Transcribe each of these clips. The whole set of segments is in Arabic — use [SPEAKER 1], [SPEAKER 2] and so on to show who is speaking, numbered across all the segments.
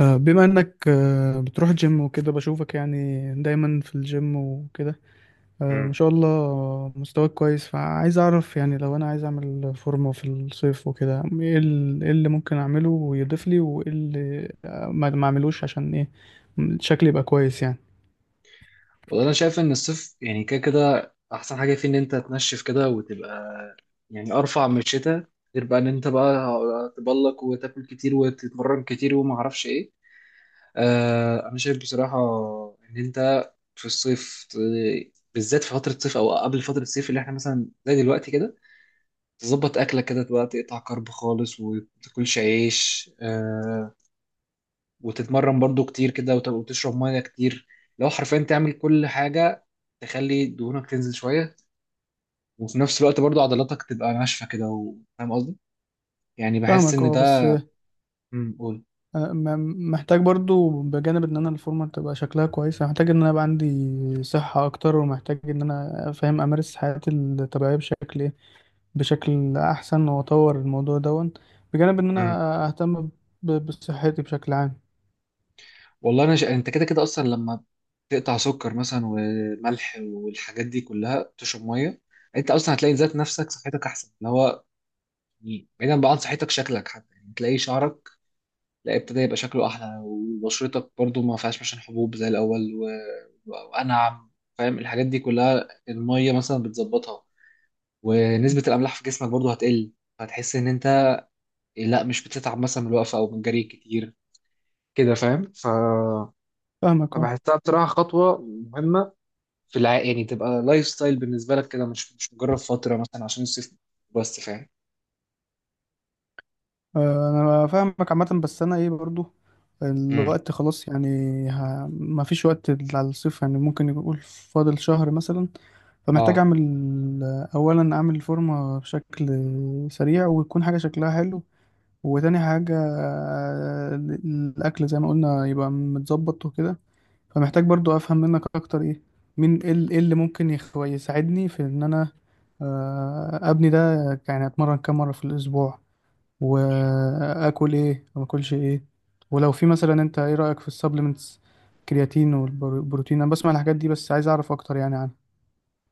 [SPEAKER 1] بما انك بتروح جيم وكده بشوفك يعني دايما في الجيم وكده. ما
[SPEAKER 2] امم
[SPEAKER 1] شاء الله مستواك كويس، فعايز اعرف يعني لو انا عايز اعمل فورمة في الصيف وكده ايه إيه اللي ممكن اعمله ويضيف لي، وايه اللي ما اعملوش عشان ايه شكلي يبقى كويس يعني.
[SPEAKER 2] والله انا شايف ان الصيف يعني كده كده احسن حاجه فيه ان انت تنشف كده وتبقى يعني ارفع من الشتاء. غير بقى ان انت بقى تبلك وتاكل كتير وتتمرن كتير وما اعرفش ايه. آه انا شايف بصراحه ان انت في الصيف بالذات في فتره الصيف او قبل فتره الصيف اللي احنا مثلا زي دلوقتي كده تظبط اكلك كده تبقى تقطع كرب خالص وما تاكلش عيش. آه وتتمرن برضو كتير كده وتشرب ميه كتير لو حرفيا تعمل كل حاجه تخلي دهونك تنزل شويه، وفي نفس الوقت برضو عضلاتك تبقى ناشفه كده فاهم قصدي؟ يعني بحس
[SPEAKER 1] فاهمك
[SPEAKER 2] ان
[SPEAKER 1] اه،
[SPEAKER 2] ده.
[SPEAKER 1] بس
[SPEAKER 2] قول.
[SPEAKER 1] محتاج برضو، بجانب ان انا الفورمة تبقى شكلها كويس، محتاج ان انا يبقى عندي صحة اكتر، ومحتاج ان انا فاهم امارس حياتي الطبيعية بشكل ايه، بشكل احسن، واطور الموضوع دون، بجانب ان
[SPEAKER 2] امم
[SPEAKER 1] انا اهتم بصحتي بشكل عام.
[SPEAKER 2] والله انت كده كده اصلا لما تقطع سكر مثلا وملح والحاجات دي كلها تشرب ميه انت اصلا هتلاقي ذات نفسك صحتك احسن، اللي هو يعني بعيدا بقى عن صحتك شكلك حتى، يعني تلاقي شعرك لا ابتدى يبقى شكله احلى، وبشرتك برضو ما فيهاش مثلا حبوب زي الاول وانعم. فاهم؟ الحاجات دي كلها الميه مثلا بتظبطها ونسبه الاملاح في جسمك برضو هتقل. هتحس ان انت لا مش بتتعب مثلا من الوقفه او من الجري كتير كده. فاهم؟
[SPEAKER 1] فاهمك اه.
[SPEAKER 2] فبحسها بصراحه خطوه مهمه يعني تبقى لايف ستايل بالنسبه لك كده، مش مجرد فتره مثلا عشان الصيف بس. فاهم؟
[SPEAKER 1] انا فاهمك عامه، بس انا ايه برضو
[SPEAKER 2] امم
[SPEAKER 1] الوقت خلاص يعني. ما فيش وقت على الصيف يعني، ممكن يقول فاضل شهر مثلا. فمحتاج
[SPEAKER 2] اه.
[SPEAKER 1] اعمل اولا اعمل فورمه بشكل سريع ويكون حاجه شكلها حلو، وتاني حاجه الاكل زي ما قلنا يبقى متظبط وكده. فمحتاج برضو افهم منك اكتر ايه، مين، ايه إيه اللي ممكن يساعدني في ان انا ابني ده، يعني اتمرن كام مره في الاسبوع، واكل ايه وما اكلش ايه، ولو في مثلا، انت ايه رايك في السبلمنتس؟ كرياتين والبروتين، انا بسمع الحاجات دي بس عايز اعرف اكتر يعني عنها.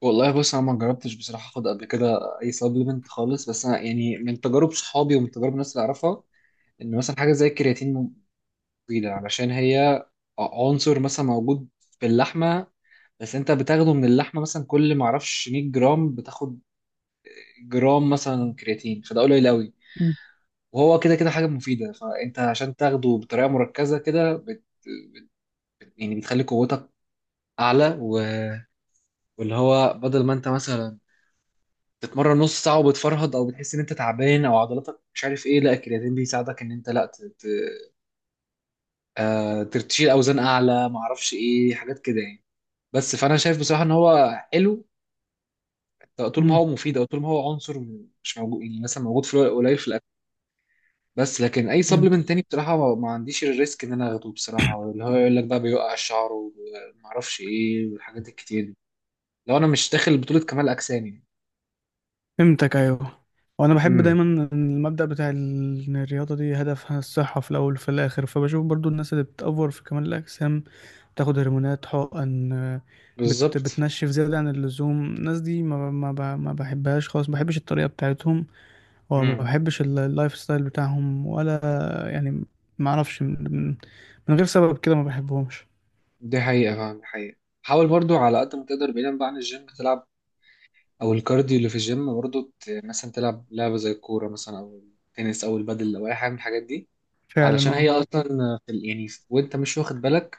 [SPEAKER 2] والله بص، انا ما جربتش بصراحه اخد قبل كده اي سبلمنت خالص، بس انا يعني من تجارب صحابي ومن تجارب الناس اللي اعرفها ان مثلا حاجه زي الكرياتين مفيده، علشان هي عنصر مثلا موجود في اللحمه، بس انت بتاخده من اللحمه مثلا كل ما اعرفش 100 جرام بتاخد جرام مثلا كرياتين، فده قليل قوي.
[SPEAKER 1] مم.
[SPEAKER 2] وهو كده كده حاجه مفيده، فانت عشان تاخده بطريقه مركزه يعني بتخلي قوتك اعلى واللي هو بدل ما انت مثلا تتمرن نص ساعه وبتفرهد او بتحس ان انت تعبان او عضلاتك مش عارف ايه، لا الكرياتين بيساعدك ان انت لا ت- ت- آه، تشيل اوزان اعلى، ما اعرفش ايه حاجات كده يعني. بس فانا شايف بصراحه ان هو حلو طول ما
[SPEAKER 1] مم.
[SPEAKER 2] هو مفيد، او طول ما هو عنصر مش موجود يعني، مثلا موجود في قليل في الاكل. بس لكن اي سبلمنت
[SPEAKER 1] فهمتك.
[SPEAKER 2] تاني بصراحه ما عنديش الريسك ان انا اخده بصراحه، اللي هو يقول لك بقى بيوقع الشعر وما اعرفش ايه والحاجات الكتير دي، لو انا مش داخل بطوله كمال اجسام يعني.
[SPEAKER 1] فهمتك ايوه. وانا بحب
[SPEAKER 2] امم
[SPEAKER 1] دايما المبدأ بتاع ان الرياضه دي هدفها الصحه في الاول وفي الاخر. فبشوف برضو الناس اللي بتأفور في كمال الاجسام بتاخد هرمونات حقن، آه، بت
[SPEAKER 2] بالظبط.
[SPEAKER 1] بتنشف زيادة عن اللزوم. الناس دي ما ما بحبهاش خالص، ما بحبش الطريقة بتاعتهم، وما
[SPEAKER 2] مم.
[SPEAKER 1] بحبش اللايف ستايل بتاعهم ولا يعني. ما اعرفش من من غير سبب كده ما بحبهمش.
[SPEAKER 2] دي حقيقة فعلا، دي حقيقة. حاول برضو على قد ما تقدر بعيدا بقى عن الجيم تلعب، أو الكارديو اللي في الجيم برضو، مثلا تلعب لعبة زي الكورة مثلا أو التنس أو البادل أو أي حاجة من الحاجات دي،
[SPEAKER 1] فعلا
[SPEAKER 2] علشان
[SPEAKER 1] اه.
[SPEAKER 2] هي أصلا في ال- يعني في- وأنت مش واخد بالك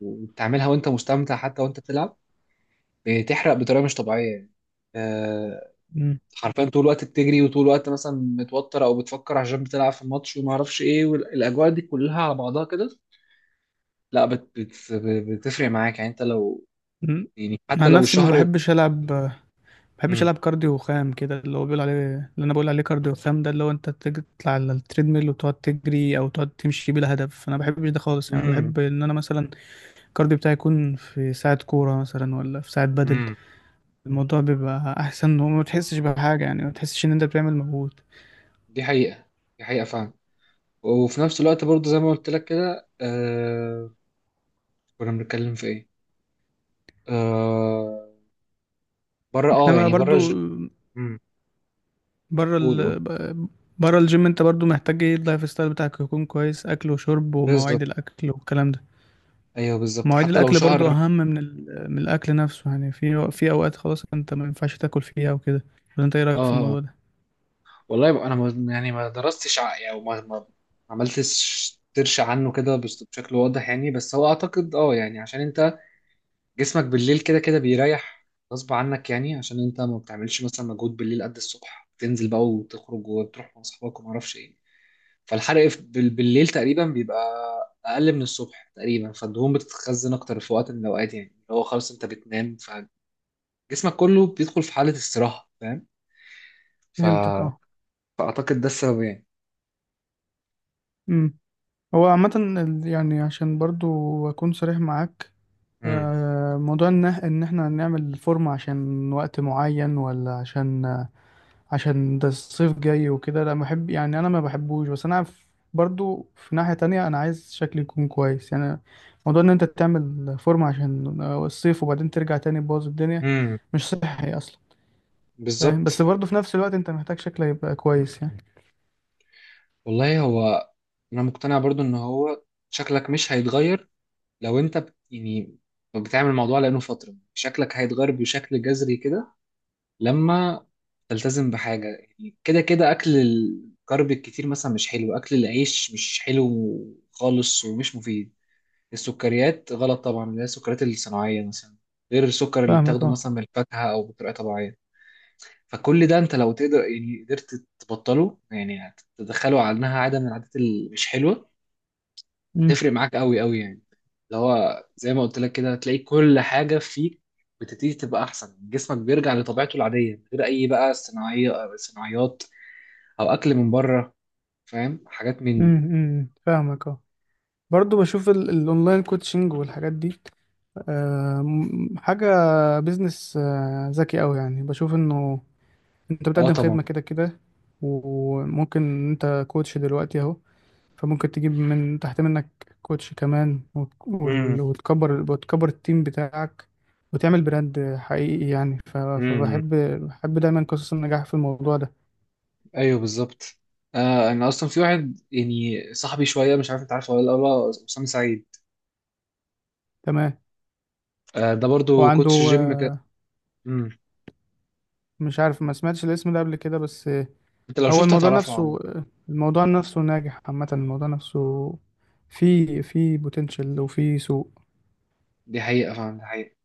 [SPEAKER 2] وبتعملها، وأنت مستمتع حتى وأنت بتلعب، بتحرق بطريقة مش طبيعية يعني. آه،
[SPEAKER 1] مم.
[SPEAKER 2] حرفيا طول الوقت بتجري وطول الوقت مثلا متوتر أو بتفكر عشان بتلعب في الماتش وما أعرفش إيه، والأجواء دي كلها على بعضها كده، لا بت بت بتفرق معاك يعني. أنت لو
[SPEAKER 1] مم.
[SPEAKER 2] يعني
[SPEAKER 1] انا
[SPEAKER 2] حتى
[SPEAKER 1] عن
[SPEAKER 2] لو
[SPEAKER 1] نفسي ما
[SPEAKER 2] الشهر
[SPEAKER 1] بحبش العب، ما بحبش
[SPEAKER 2] امم
[SPEAKER 1] العب كارديو خام كده، اللي هو بيقول عليه، اللي انا بقول عليه كارديو خام ده، اللي هو انت تطلع على التريدميل وتقعد تجري او تقعد تمشي بلا هدف. انا ما بحبش ده خالص يعني.
[SPEAKER 2] امم
[SPEAKER 1] بحب ان انا مثلا الكارديو بتاعي يكون في ساعة كورة مثلا، ولا في ساعة بدل.
[SPEAKER 2] امم
[SPEAKER 1] الموضوع بيبقى أحسن وما تحسش بحاجة يعني، ما تحسش إن أنت بتعمل مجهود.
[SPEAKER 2] دي حقيقة، دي حقيقة فعلا. وفي نفس الوقت برضه زي ما قلت لك كده كنا بنتكلم في ايه؟ آه، بره،
[SPEAKER 1] احنا
[SPEAKER 2] اه
[SPEAKER 1] بقى
[SPEAKER 2] يعني
[SPEAKER 1] برضو
[SPEAKER 2] مم.
[SPEAKER 1] بره
[SPEAKER 2] قول قول.
[SPEAKER 1] بره الجيم، انت برضو محتاج ايه، اللايف ستايل بتاعك يكون كويس، اكل وشرب
[SPEAKER 2] بالظبط.
[SPEAKER 1] ومواعيد الاكل والكلام ده.
[SPEAKER 2] ايوه بالظبط
[SPEAKER 1] مواعيد
[SPEAKER 2] حتى لو
[SPEAKER 1] الاكل برضو
[SPEAKER 2] شهر.
[SPEAKER 1] اهم من من الاكل نفسه يعني، في اوقات خلاص انت ما ينفعش تاكل فيها وكده. ولا انت ايه
[SPEAKER 2] اه
[SPEAKER 1] رايك في الموضوع ده؟
[SPEAKER 2] والله يبقى انا ما... يعني ما درستش ع- يعني ما عملتش سيرش عنه كده بشكل واضح يعني، بس هو اعتقد اه يعني عشان انت جسمك بالليل كده كده بيريح غصب عنك، يعني عشان انت ما بتعملش مثلا مجهود بالليل قد الصبح تنزل بقى وتخرج وتروح مع اصحابك وما اعرفش ايه. فالحرق بالليل تقريبا بيبقى اقل من الصبح تقريبا، فالدهون بتتخزن اكتر في وقت من الاوقات يعني، اللي هو خلاص انت بتنام فجسمك كله بيدخل في حالة استراحة. فاهم؟ ف...
[SPEAKER 1] فهمتك اه.
[SPEAKER 2] فاعتقد ده السبب يعني.
[SPEAKER 1] امم. هو عامة يعني عشان برضو أكون صريح معاك،
[SPEAKER 2] امم
[SPEAKER 1] موضوع ان احنا نعمل فورمة عشان وقت معين، ولا عشان عشان ده الصيف جاي وكده، لا بحب يعني، انا ما بحبوش. بس انا برضو في ناحية تانية انا عايز شكلي يكون كويس يعني. موضوع ان انت تعمل فورمة عشان الصيف وبعدين ترجع تاني تبوظ الدنيا
[SPEAKER 2] امم
[SPEAKER 1] مش صحي اصلا. فاهم، بس
[SPEAKER 2] بالظبط.
[SPEAKER 1] برضو في نفس الوقت انت محتاج شكلك يبقى كويس يعني.
[SPEAKER 2] والله هو انا مقتنع برضو ان هو شكلك مش هيتغير لو انت يعني بتعمل الموضوع لانه فتره، شكلك هيتغير بشكل جذري كده لما تلتزم بحاجه، يعني كده كده اكل الكرب الكتير مثلا مش حلو، اكل العيش مش حلو خالص ومش مفيد، السكريات غلط طبعا، اللي هي السكريات الصناعيه مثلا، غير السكر اللي
[SPEAKER 1] فاهمك
[SPEAKER 2] بتاخده
[SPEAKER 1] اه.
[SPEAKER 2] مثلا من الفاكهه او بطريقه طبيعيه. فكل ده انت لو تقدر يعني قدرت تبطله، يعني تدخله على انها عاده من العادات اللي مش حلوه،
[SPEAKER 1] امم.
[SPEAKER 2] هتفرق معاك قوي قوي يعني. اللي هو زي ما قلت لك كده هتلاقي كل حاجه فيك بتبتدي تبقى احسن، جسمك بيرجع لطبيعته العاديه من غير اي بقى صناعيه أو صناعيات او اكل من بره، فاهم؟ حاجات من
[SPEAKER 1] امم.
[SPEAKER 2] دي.
[SPEAKER 1] أمم، فاهمك اه. برضو بشوف الاونلاين كوتشنج والحاجات دي حاجة بيزنس ذكي أوي يعني. بشوف إنه أنت
[SPEAKER 2] اه
[SPEAKER 1] بتقدم
[SPEAKER 2] طبعا.
[SPEAKER 1] خدمة كده كده، وممكن أنت كوتش دلوقتي أهو، فممكن تجيب من تحت منك كوتش كمان،
[SPEAKER 2] امم
[SPEAKER 1] وتكبر، وتكبر التيم بتاعك، وتعمل براند حقيقي يعني.
[SPEAKER 2] امم
[SPEAKER 1] فبحب، بحب دايما قصص النجاح في الموضوع ده.
[SPEAKER 2] ايوه بالظبط. آه انا اصلا في واحد يعني صاحبي شويه، مش عارف انت عارفه ولا لا، هو اسامه سعيد.
[SPEAKER 1] تمام.
[SPEAKER 2] آه ده
[SPEAKER 1] هو
[SPEAKER 2] برضو
[SPEAKER 1] عنده
[SPEAKER 2] كوتش جيم كده. امم
[SPEAKER 1] مش عارف، ما سمعتش الاسم ده قبل كده، بس
[SPEAKER 2] انت لو
[SPEAKER 1] هو
[SPEAKER 2] شفته
[SPEAKER 1] الموضوع
[SPEAKER 2] هتعرفه عامه.
[SPEAKER 1] نفسه، الموضوع نفسه ناجح عامة، الموضوع نفسه في بوتنشال وفي سوق.
[SPEAKER 2] دي حقيقه فعلا، دي حقيقه.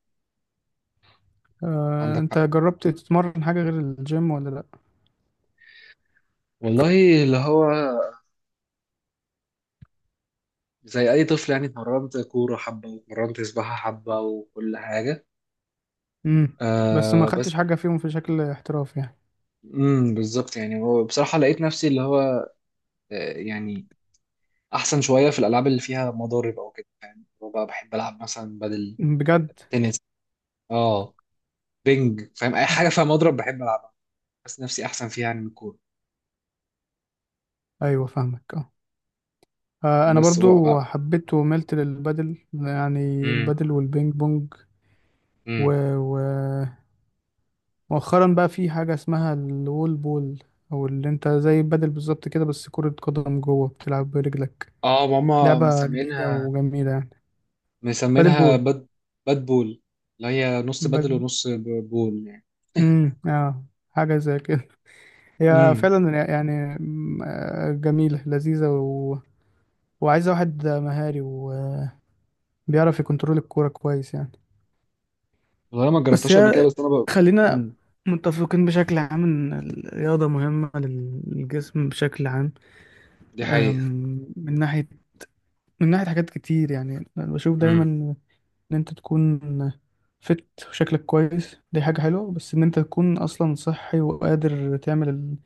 [SPEAKER 2] عندك
[SPEAKER 1] انت
[SPEAKER 2] حق.
[SPEAKER 1] جربت تتمرن حاجة غير الجيم ولا لا؟
[SPEAKER 2] والله اللي هو زي أي طفل يعني، اتمرنت كورة حبة واتمرنت سباحة حبة وكل حاجة.
[SPEAKER 1] امم. بس ما
[SPEAKER 2] آه بس.
[SPEAKER 1] خدتش حاجة فيهم في شكل احتراف يعني.
[SPEAKER 2] بالظبط. يعني هو بصراحة لقيت نفسي اللي هو آه يعني أحسن شوية في الألعاب اللي فيها مضارب أو كده، يعني هو بقى بحب ألعب مثلا بدل،
[SPEAKER 1] بجد؟
[SPEAKER 2] تنس، اه، بينج، فاهم؟ أي حاجة فيها مضرب بحب ألعبها، بس نفسي أحسن فيها يعني من الكورة.
[SPEAKER 1] ايوه، فاهمك اه. انا
[SPEAKER 2] بس هو
[SPEAKER 1] برضو حبيت وملت للبادل يعني،
[SPEAKER 2] امم
[SPEAKER 1] البادل والبينج بونج. و...
[SPEAKER 2] امم
[SPEAKER 1] و... مؤخرا بقى في حاجة اسمها الوول بول، او اللي انت زي البادل بالظبط كده بس كرة قدم جوه، بتلعب برجلك.
[SPEAKER 2] اه ماما
[SPEAKER 1] لعبة جديدة
[SPEAKER 2] مسمينها،
[SPEAKER 1] وجميلة يعني. بادل
[SPEAKER 2] مسمينها
[SPEAKER 1] بول.
[SPEAKER 2] باد، بول، اللي هي نص بدل
[SPEAKER 1] باد...
[SPEAKER 2] ونص بول يعني.
[SPEAKER 1] مم، اه. حاجة زي كده. هي
[SPEAKER 2] امم
[SPEAKER 1] فعلا يعني، مم، جميلة لذيذة، و... وعايزة واحد مهاري وبيعرف يكنترول الكورة كويس يعني.
[SPEAKER 2] والله انا ما
[SPEAKER 1] بس
[SPEAKER 2] جربتهاش قبل كده،
[SPEAKER 1] هي خلينا
[SPEAKER 2] مم.
[SPEAKER 1] متفقين بشكل عام إن الرياضة مهمة للجسم بشكل عام.
[SPEAKER 2] دي حقيقة.
[SPEAKER 1] أم، من ناحية، من ناحية حاجات كتير يعني. أنا بشوف دايما
[SPEAKER 2] امم
[SPEAKER 1] ان انت تكون فت وشكلك كويس دي حاجة حلوة، بس ان انت تكون اصلا صحي وقادر تعمل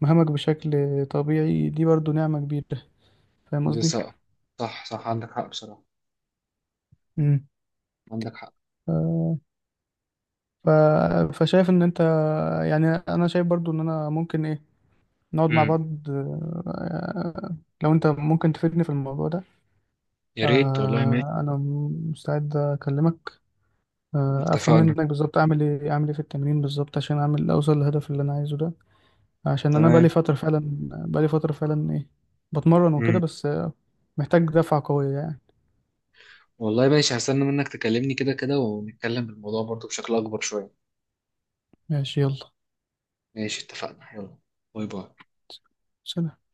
[SPEAKER 1] مهامك بشكل طبيعي دي برضو نعمة كبيرة. فاهم قصدي؟
[SPEAKER 2] لسه. صح صح، عندك حق بصراحة.
[SPEAKER 1] مم.
[SPEAKER 2] عندك حق.
[SPEAKER 1] ف- ف... فشايف ان انت، يعني انا شايف برضو ان انا ممكن ايه، نقعد مع
[SPEAKER 2] امم
[SPEAKER 1] بعض، لو انت ممكن تفيدني في الموضوع ده.
[SPEAKER 2] يا ريت والله، ماشي
[SPEAKER 1] انا مستعد اكلمك، افهم
[SPEAKER 2] اتفقنا،
[SPEAKER 1] منك بالظبط اعمل ايه، اعمل ايه في التمرين بالظبط، عشان اعمل اوصل للهدف اللي انا عايزه ده. عشان انا
[SPEAKER 2] تمام.
[SPEAKER 1] بقالي فتره فعلا، بقالي فتره فعلا ايه، بتمرن وكده،
[SPEAKER 2] امم
[SPEAKER 1] بس محتاج دفعه قويه يعني.
[SPEAKER 2] والله ماشي، هستنى منك تكلمني كده كده ونتكلم بالموضوع برضو بشكل أكبر شوية.
[SPEAKER 1] ماشي يلا.
[SPEAKER 2] ماشي اتفقنا يلا. باي باي.
[SPEAKER 1] سلام.